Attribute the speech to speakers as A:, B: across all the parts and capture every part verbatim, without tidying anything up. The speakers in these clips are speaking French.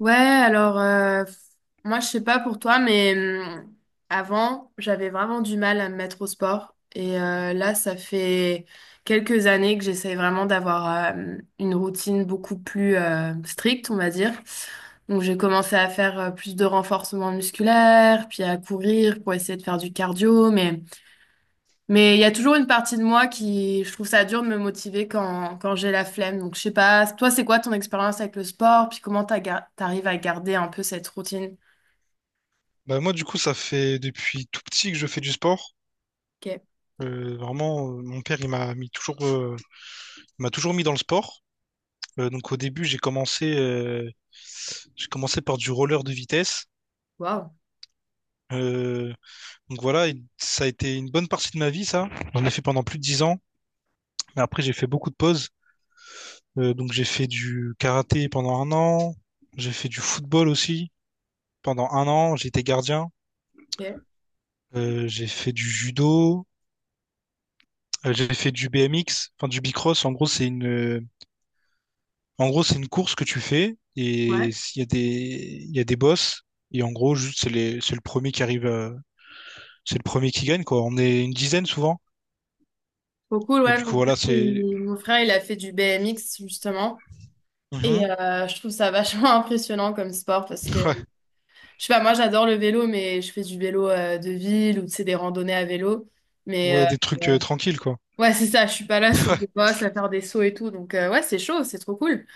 A: Ouais, alors euh, moi je sais pas pour toi, mais hum, avant j'avais vraiment du mal à me mettre au sport et euh,
B: Mhm.
A: là ça fait quelques années que j'essaye vraiment d'avoir euh, une routine beaucoup plus euh, stricte, on va dire. Donc j'ai commencé à faire euh, plus de renforcement musculaire, puis à courir pour essayer de faire du cardio, mais mais il y a toujours une partie de moi qui, je trouve ça dur de me motiver quand, quand j'ai la flemme. Donc, je sais pas, toi, c'est quoi ton expérience avec le sport? Puis comment t'as gar- t'arrives à garder un peu cette routine?
B: Bah moi du coup ça fait depuis tout petit que je fais du sport.
A: Ok.
B: Euh, vraiment, euh, mon père il m'a mis toujours, euh, il m'a toujours mis dans le sport. Euh, donc au début j'ai commencé, euh, j'ai commencé par du roller de vitesse.
A: Waouh.
B: Euh, donc voilà, et ça a été une bonne partie de ma vie ça. J'en ai fait pendant plus de dix ans. Mais après j'ai fait beaucoup de pauses. Euh, donc j'ai fait du karaté pendant un an. J'ai fait du football aussi pendant un an. J'ai été gardien.
A: Ok.
B: Euh, j'ai fait du judo. Euh, j'ai fait du B M X, enfin du bicross. En gros, c'est une, euh, en gros, c'est une course que tu fais et
A: Ouais.
B: il y a des, il y a des boss. Et en gros, juste, c'est les, c'est le premier qui arrive, à- c'est le premier qui gagne, quoi. On est une dizaine souvent.
A: Trop cool,
B: Et
A: ouais.
B: du
A: Mon
B: coup,
A: frère,
B: voilà, c'est,
A: il, mon frère, il a fait du B M X, justement.
B: Mhm.
A: Et euh, je trouve ça vachement impressionnant comme sport parce que, je sais pas, moi, j'adore le vélo, mais je fais du vélo euh, de ville ou, tu sais, des randonnées à vélo. Mais,
B: Ouais, ouais, des
A: euh,
B: trucs euh,
A: ouais,
B: tranquilles, quoi.
A: ouais, c'est ça, je suis pas là sur des bosses à faire des sauts et tout. Donc, euh, ouais, c'est chaud, c'est trop cool.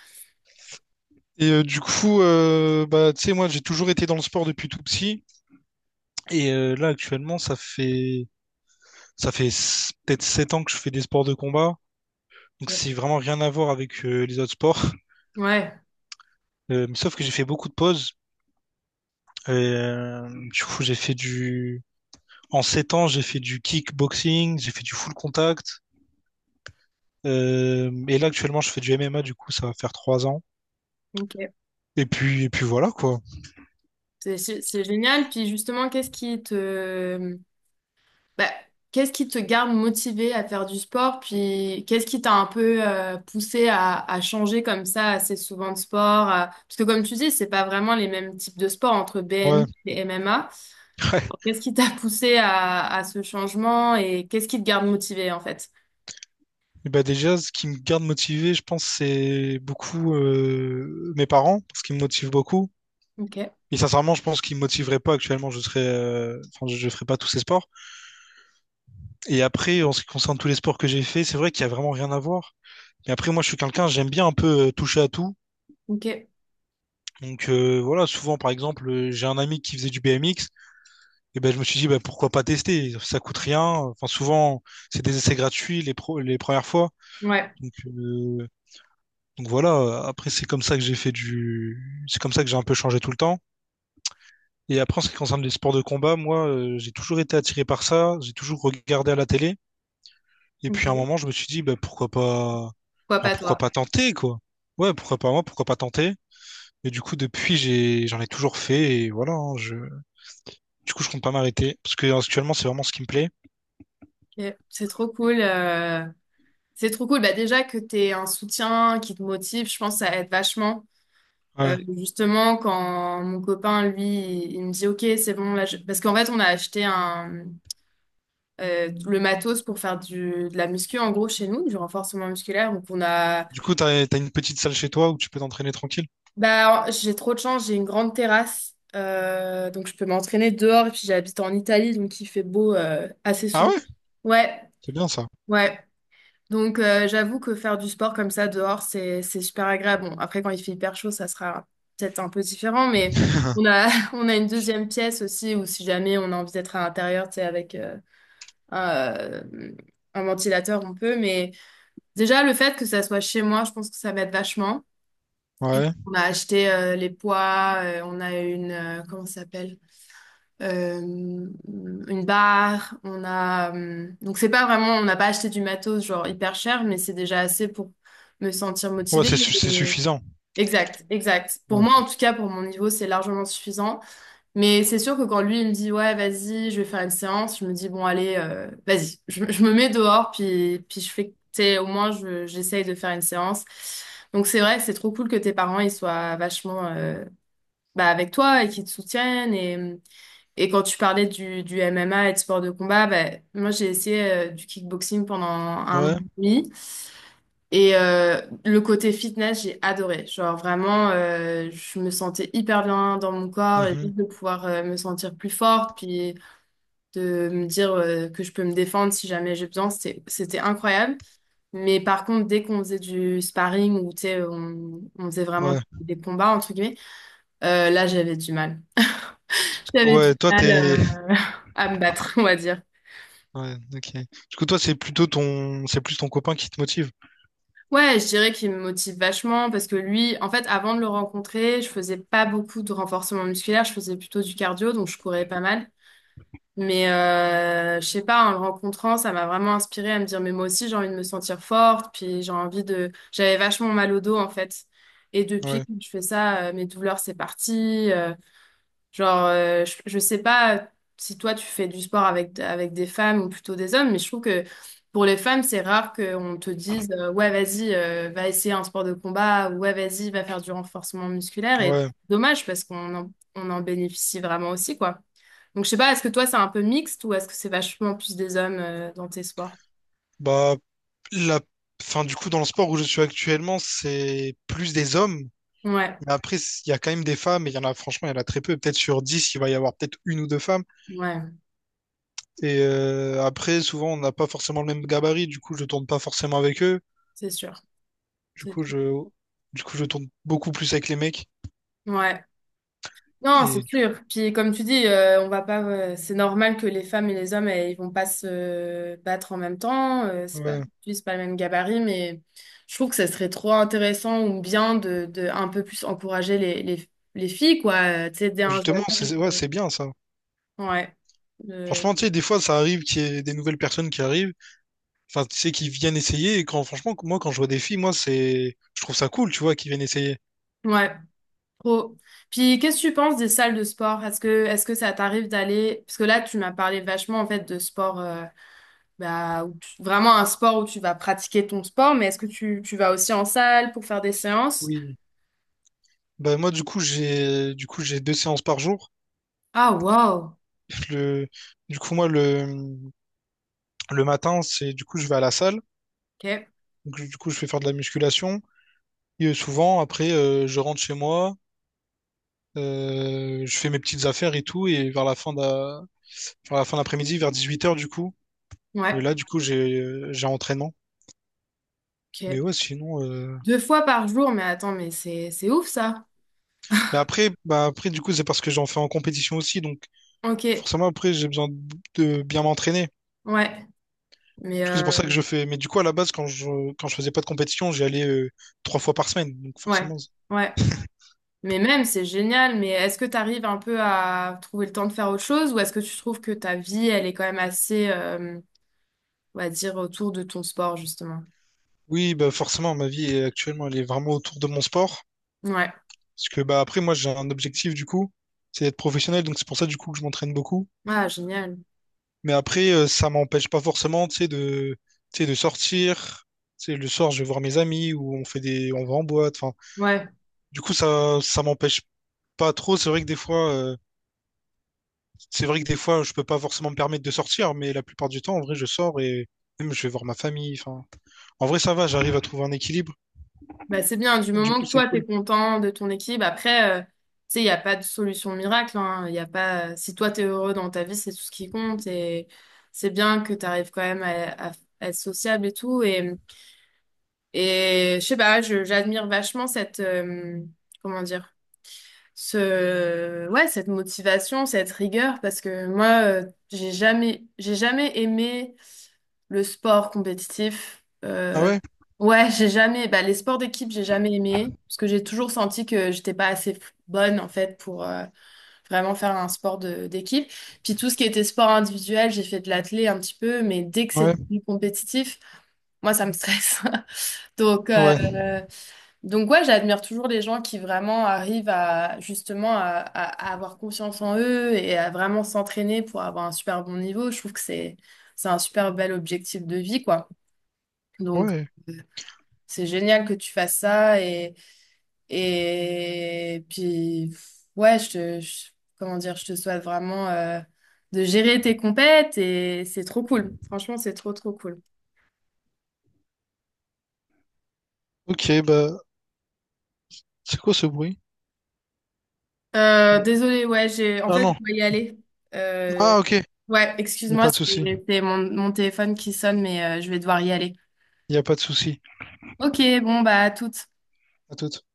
B: Et euh, du coup, euh, bah, tu sais, moi, j'ai toujours été dans le sport depuis tout petit. Et euh, là, actuellement, ça fait, ça fait s- peut-être sept ans que je fais des sports de combat. Donc, c'est vraiment rien à voir avec euh, les autres sports.
A: Ouais,
B: Euh, mais sauf que j'ai fait beaucoup de pauses. Et, euh, du coup, j'ai fait du. En sept ans, j'ai fait du kickboxing, j'ai fait du full contact. Euh, et là, actuellement, je fais du M M A, du coup, ça va faire trois ans.
A: ok.
B: Et puis, et puis voilà, quoi.
A: C'est c'est- c'est génial. Puis justement, qu'est-ce qui te, bah, qu'est-ce qui te garde motivé à faire du sport? Puis qu'est-ce qui t'a un peu euh, poussé à, à changer comme ça assez souvent de sport? à- Parce que comme tu dis, c'est pas vraiment les mêmes types de sports entre
B: Ouais.
A: B M I et M M A.
B: Ouais.
A: Qu'est-ce qui t'a poussé à, à ce changement et qu'est-ce qui te garde motivé en fait?
B: Et bah déjà, ce qui me garde motivé, je pense, c'est beaucoup euh, mes parents, parce qu'ils me motivent beaucoup.
A: Ok,
B: Et sincèrement, je pense qu'ils me motiveraient pas actuellement, je serais, euh, enfin, je, je ferais pas tous ces sports. Et après, en ce qui concerne tous les sports que j'ai fait, c'est vrai qu'il y a vraiment rien à voir. Mais après, moi, je suis quelqu'un, j'aime bien un peu euh, toucher à tout.
A: ok,
B: Donc euh, voilà, souvent par exemple, euh, j'ai un ami qui faisait du B M X, et ben je me suis dit bah, pourquoi pas tester, ça coûte rien. Enfin souvent c'est des essais gratuits les pro- les premières fois.
A: ouais,
B: Donc euh, donc voilà, après c'est comme ça que j'ai fait du c'est comme ça que j'ai un peu changé tout le temps. Et après en ce qui concerne les sports de combat, moi euh, j'ai toujours été attiré par ça, j'ai toujours regardé à la télé et puis à un
A: ok.
B: moment je me suis dit bah pourquoi pas
A: Pourquoi
B: enfin,
A: pas
B: pourquoi
A: toi?
B: pas tenter quoi. Ouais, pourquoi pas moi, pourquoi pas tenter. Et du coup depuis j'ai j'en ai toujours fait et voilà, hein, je Du coup, je compte pas m'arrêter parce que actuellement, c'est vraiment ce qui me plaît.
A: Ok, c'est trop cool. euh, C'est trop cool. Bah déjà que tu un soutien qui te motive, je pense que ça aide vachement. Euh,
B: Ouais.
A: justement, quand mon copain, lui, il me dit, OK, c'est bon, là, je- parce qu'en fait, on a acheté un, euh, le matos pour faire du, de la muscu, en gros, chez nous, du renforcement musculaire. Donc, on a,
B: Du coup, t'as, t'as une petite salle chez toi où tu peux t'entraîner tranquille.
A: bah, j'ai trop de chance, j'ai une grande terrasse, euh, donc je peux m'entraîner dehors. Et puis, j'habite en Italie, donc il fait beau, euh, assez
B: Ah
A: souvent.
B: ouais?
A: Ouais,
B: C'est bien ça.
A: ouais. Donc, euh, j'avoue que faire du sport comme ça dehors, c'est c'est super agréable. Bon, après, quand il fait hyper chaud, ça sera peut-être un peu différent, mais on a, on a une deuxième pièce aussi où si jamais on a envie d'être à l'intérieur, tu sais, avec euh, un, euh, un ventilateur, on peut. Mais déjà, le fait que ça soit chez moi, je pense que ça m'aide vachement. Et
B: Ouais.
A: on a acheté euh, les poids, euh, on a une, euh, comment ça s'appelle? euh, une barre, on a euh, donc c'est pas vraiment, on n'a pas acheté du matos genre hyper cher, mais c'est déjà assez pour me sentir
B: Ouais,
A: motivée.
B: c'est, su- c'est
A: Euh,
B: suffisant.
A: Exact, exact. Pour
B: Ouais.
A: moi, en tout cas, pour mon niveau, c'est largement suffisant. Mais c'est sûr que quand lui, il me dit, ouais, vas-y, je vais faire une séance, je me dis, bon, allez, euh, vas-y, je, je me mets dehors, puis, puis je fais, tu sais, au moins, je- j'essaye de faire une séance. Donc c'est vrai que c'est trop cool que tes parents, ils soient vachement euh, bah, avec toi et qu'ils te soutiennent. Et hum, et quand tu parlais du, du M M A et de sport de combat, ben, moi j'ai essayé euh, du kickboxing pendant un an
B: Ouais.
A: et demi. Et euh, le côté fitness, j'ai adoré. Genre vraiment, euh, je me sentais hyper bien dans mon corps et
B: Mhm.
A: juste de pouvoir euh, me sentir plus forte, puis de me dire euh, que je peux me défendre si jamais j'ai besoin, c'était, c'était incroyable. Mais par contre, dès qu'on faisait du sparring ou tu sais, on, on faisait vraiment
B: Ouais.
A: des combats, entre guillemets, euh, là j'avais du mal. J'avais
B: Ouais,
A: du
B: toi,
A: mal
B: t'es.
A: euh, à me battre, on va dire.
B: Ouais, ok. Du coup, toi, c'est plutôt ton. C'est plus ton copain qui te motive.
A: Ouais, je dirais qu'il me motive vachement parce que lui, en fait, avant de le rencontrer, je faisais pas beaucoup de renforcement musculaire, je faisais plutôt du cardio, donc je courais pas mal. Mais euh, je sais pas, en le rencontrant, ça m'a vraiment inspirée à me dire, mais moi aussi, j'ai envie de me sentir forte, puis j'ai envie de... J'avais vachement mal au dos, en fait. Et depuis
B: Ouais.
A: que je fais ça, euh, mes douleurs, c'est parti. euh, Genre, euh, je, je sais pas si toi tu fais du sport avec, avec des femmes ou plutôt des hommes, mais je trouve que pour les femmes, c'est rare qu'on te dise euh, ouais, vas-y, euh, va essayer un sport de combat, ou ouais, vas-y, va faire du renforcement musculaire. Et
B: Ouais.
A: dommage parce qu'on en, on en bénéficie vraiment aussi, quoi. Donc, je sais pas, est-ce que toi c'est un peu mixte ou est-ce que c'est vachement plus des hommes euh, dans tes sports?
B: Bah, la. Enfin, du coup, dans le sport où je suis actuellement, c'est plus des hommes.
A: Ouais,
B: Mais après, il y a quand même des femmes, et il y en a, franchement, il y en a très peu. Peut-être sur dix, il va y avoir peut-être une ou deux femmes.
A: ouais,
B: Et euh, après, souvent, on n'a pas forcément le même gabarit, du coup, je tourne pas forcément avec eux.
A: c'est sûr,
B: Du
A: c'est
B: coup,
A: sûr.
B: je, du coup, je tourne beaucoup plus avec les mecs.
A: Ouais. Non,
B: Et
A: c'est
B: du
A: sûr. Puis comme tu dis, euh, on va pas. Euh, c'est normal que les femmes et les hommes, euh, ils vont pas se battre en même temps. Euh,
B: coup,
A: c'est pas,
B: ouais.
A: Puis c'est pas le même gabarit, mais je trouve que ça serait trop intéressant ou bien de, de un peu plus encourager les, les, les filles, quoi. Euh, tu sais, dès un
B: Justement,
A: jeune âge.
B: c'est ouais,
A: euh,
B: c'est bien ça.
A: ouais. Euh,
B: Franchement, tu sais, des fois, ça arrive qu'il y ait des nouvelles personnes qui arrivent, enfin, tu sais, qui viennent essayer. Et quand, franchement, moi, quand je vois des filles, moi, c'est, je trouve ça cool, tu vois, qu'ils viennent essayer.
A: ouais. Trop. Puis qu'est-ce que tu penses des salles de sport? Est-ce que est-ce que ça t'arrive d'aller? Parce que là, tu m'as parlé vachement en fait de sport. Euh, bah, où tu- vraiment un sport où tu vas pratiquer ton sport, mais est-ce que tu, tu vas aussi en salle pour faire des séances?
B: Oui. Bah, moi, du coup, j'ai, du coup, j'ai deux séances par jour.
A: Ah, wow!
B: Le, du coup, moi, le, le matin, c'est, du coup, je vais à la salle.
A: Ok.
B: Donc, du coup, je fais faire de la musculation. Et euh, souvent, après, euh, je rentre chez moi, euh, je fais mes petites affaires et tout, et vers la fin de vers la fin d'après-midi, vers dix-huit heures du coup, euh,
A: Ouais.
B: là, du coup, j'ai euh, j'ai entraînement. Mais
A: Ok.
B: ouais, sinon... euh,
A: Deux fois par jour, mais attends, mais c'est, c'est ouf ça.
B: Mais après, bah, après, du coup, c'est parce que j'en fais en compétition aussi, donc
A: Ok.
B: forcément, après, j'ai besoin de de bien m'entraîner.
A: Ouais. Mais,
B: Du coup, c'est pour ça
A: euh,
B: que je fais... Mais du coup, à la base, quand je, quand je faisais pas de compétition, j'y allais euh, trois fois par semaine, donc
A: ouais.
B: forcément... c'est-
A: Ouais. Mais même, c'est génial. Mais est-ce que tu arrives un peu à trouver le temps de faire autre chose ou est-ce que tu trouves que ta vie, elle est quand même assez, euh, on va dire, autour de ton sport, justement?
B: Oui, bah forcément, ma vie euh, actuellement, elle est vraiment autour de mon sport.
A: Ouais.
B: Parce que bah après moi j'ai un objectif du coup, c'est d'être professionnel, donc c'est pour ça du coup que je m'entraîne beaucoup.
A: Ah, génial.
B: Mais après euh, ça m'empêche pas forcément, tu sais, de, tu sais, de sortir. Tu sais, le soir je vais voir mes amis ou on fait des, on va en boîte. Enfin,
A: Ouais.
B: du coup ça, ça m'empêche pas trop. C'est vrai que des fois, euh, c'est vrai que des fois je peux pas forcément me permettre de sortir, mais la plupart du temps en vrai je sors et même je vais voir ma famille. Enfin, en vrai ça va, j'arrive à trouver un équilibre.
A: Bah, c'est bien, du
B: Du
A: moment
B: coup
A: que
B: c'est
A: toi,
B: cool.
A: t'es content de ton équipe. Après, euh, tu sais, il n'y a pas de solution miracle, hein. Y a pas... Si toi, t'es heureux dans ta vie, c'est tout ce qui compte. Et c'est bien que tu arrives quand même à, à être sociable et tout. Et, et je sais pas, je- j'admire vachement cette... euh, comment dire? Ce... Ouais, cette motivation, cette rigueur. Parce que moi, euh, j'ai jamais, j'ai jamais aimé le sport compétitif.
B: Ah
A: Euh,
B: ouais,
A: ouais, j'ai jamais. Bah, les sports d'équipe, j'ai jamais aimé parce que j'ai toujours senti que j'étais pas assez f- bonne en fait pour euh, vraiment faire un sport de- d'équipe. Puis tout ce qui était sport individuel, j'ai fait de l'athlé un petit peu, mais dès que c'est
B: ouais,
A: du compétitif, moi ça me stresse. Donc, euh,
B: ouais,
A: donc ouais, j'admire toujours les gens qui vraiment arrivent à justement à, à- à avoir confiance en eux et à vraiment s'entraîner pour avoir un super bon niveau. Je trouve que c'est c'est un super bel objectif de vie, quoi. Donc,
B: ouais.
A: euh, c'est génial que tu fasses ça et, et puis, ouais, je te, je- comment dire, je te souhaite vraiment euh, de gérer tes compètes et c'est trop cool. Franchement, c'est trop, trop cool.
B: Ok, bah c'est quoi ce bruit?
A: Euh, désolée, ouais, j'ai, en
B: Ah
A: fait, je
B: non.
A: dois y aller. Euh,
B: Ah ok. Il
A: ouais,
B: n'y a
A: excuse-moi,
B: pas de souci.
A: c'est c'est mon, mon téléphone qui sonne, mais euh, je vais devoir y aller.
B: Il n'y a pas de souci.
A: Ok, bon, bah, à toutes.
B: À toute.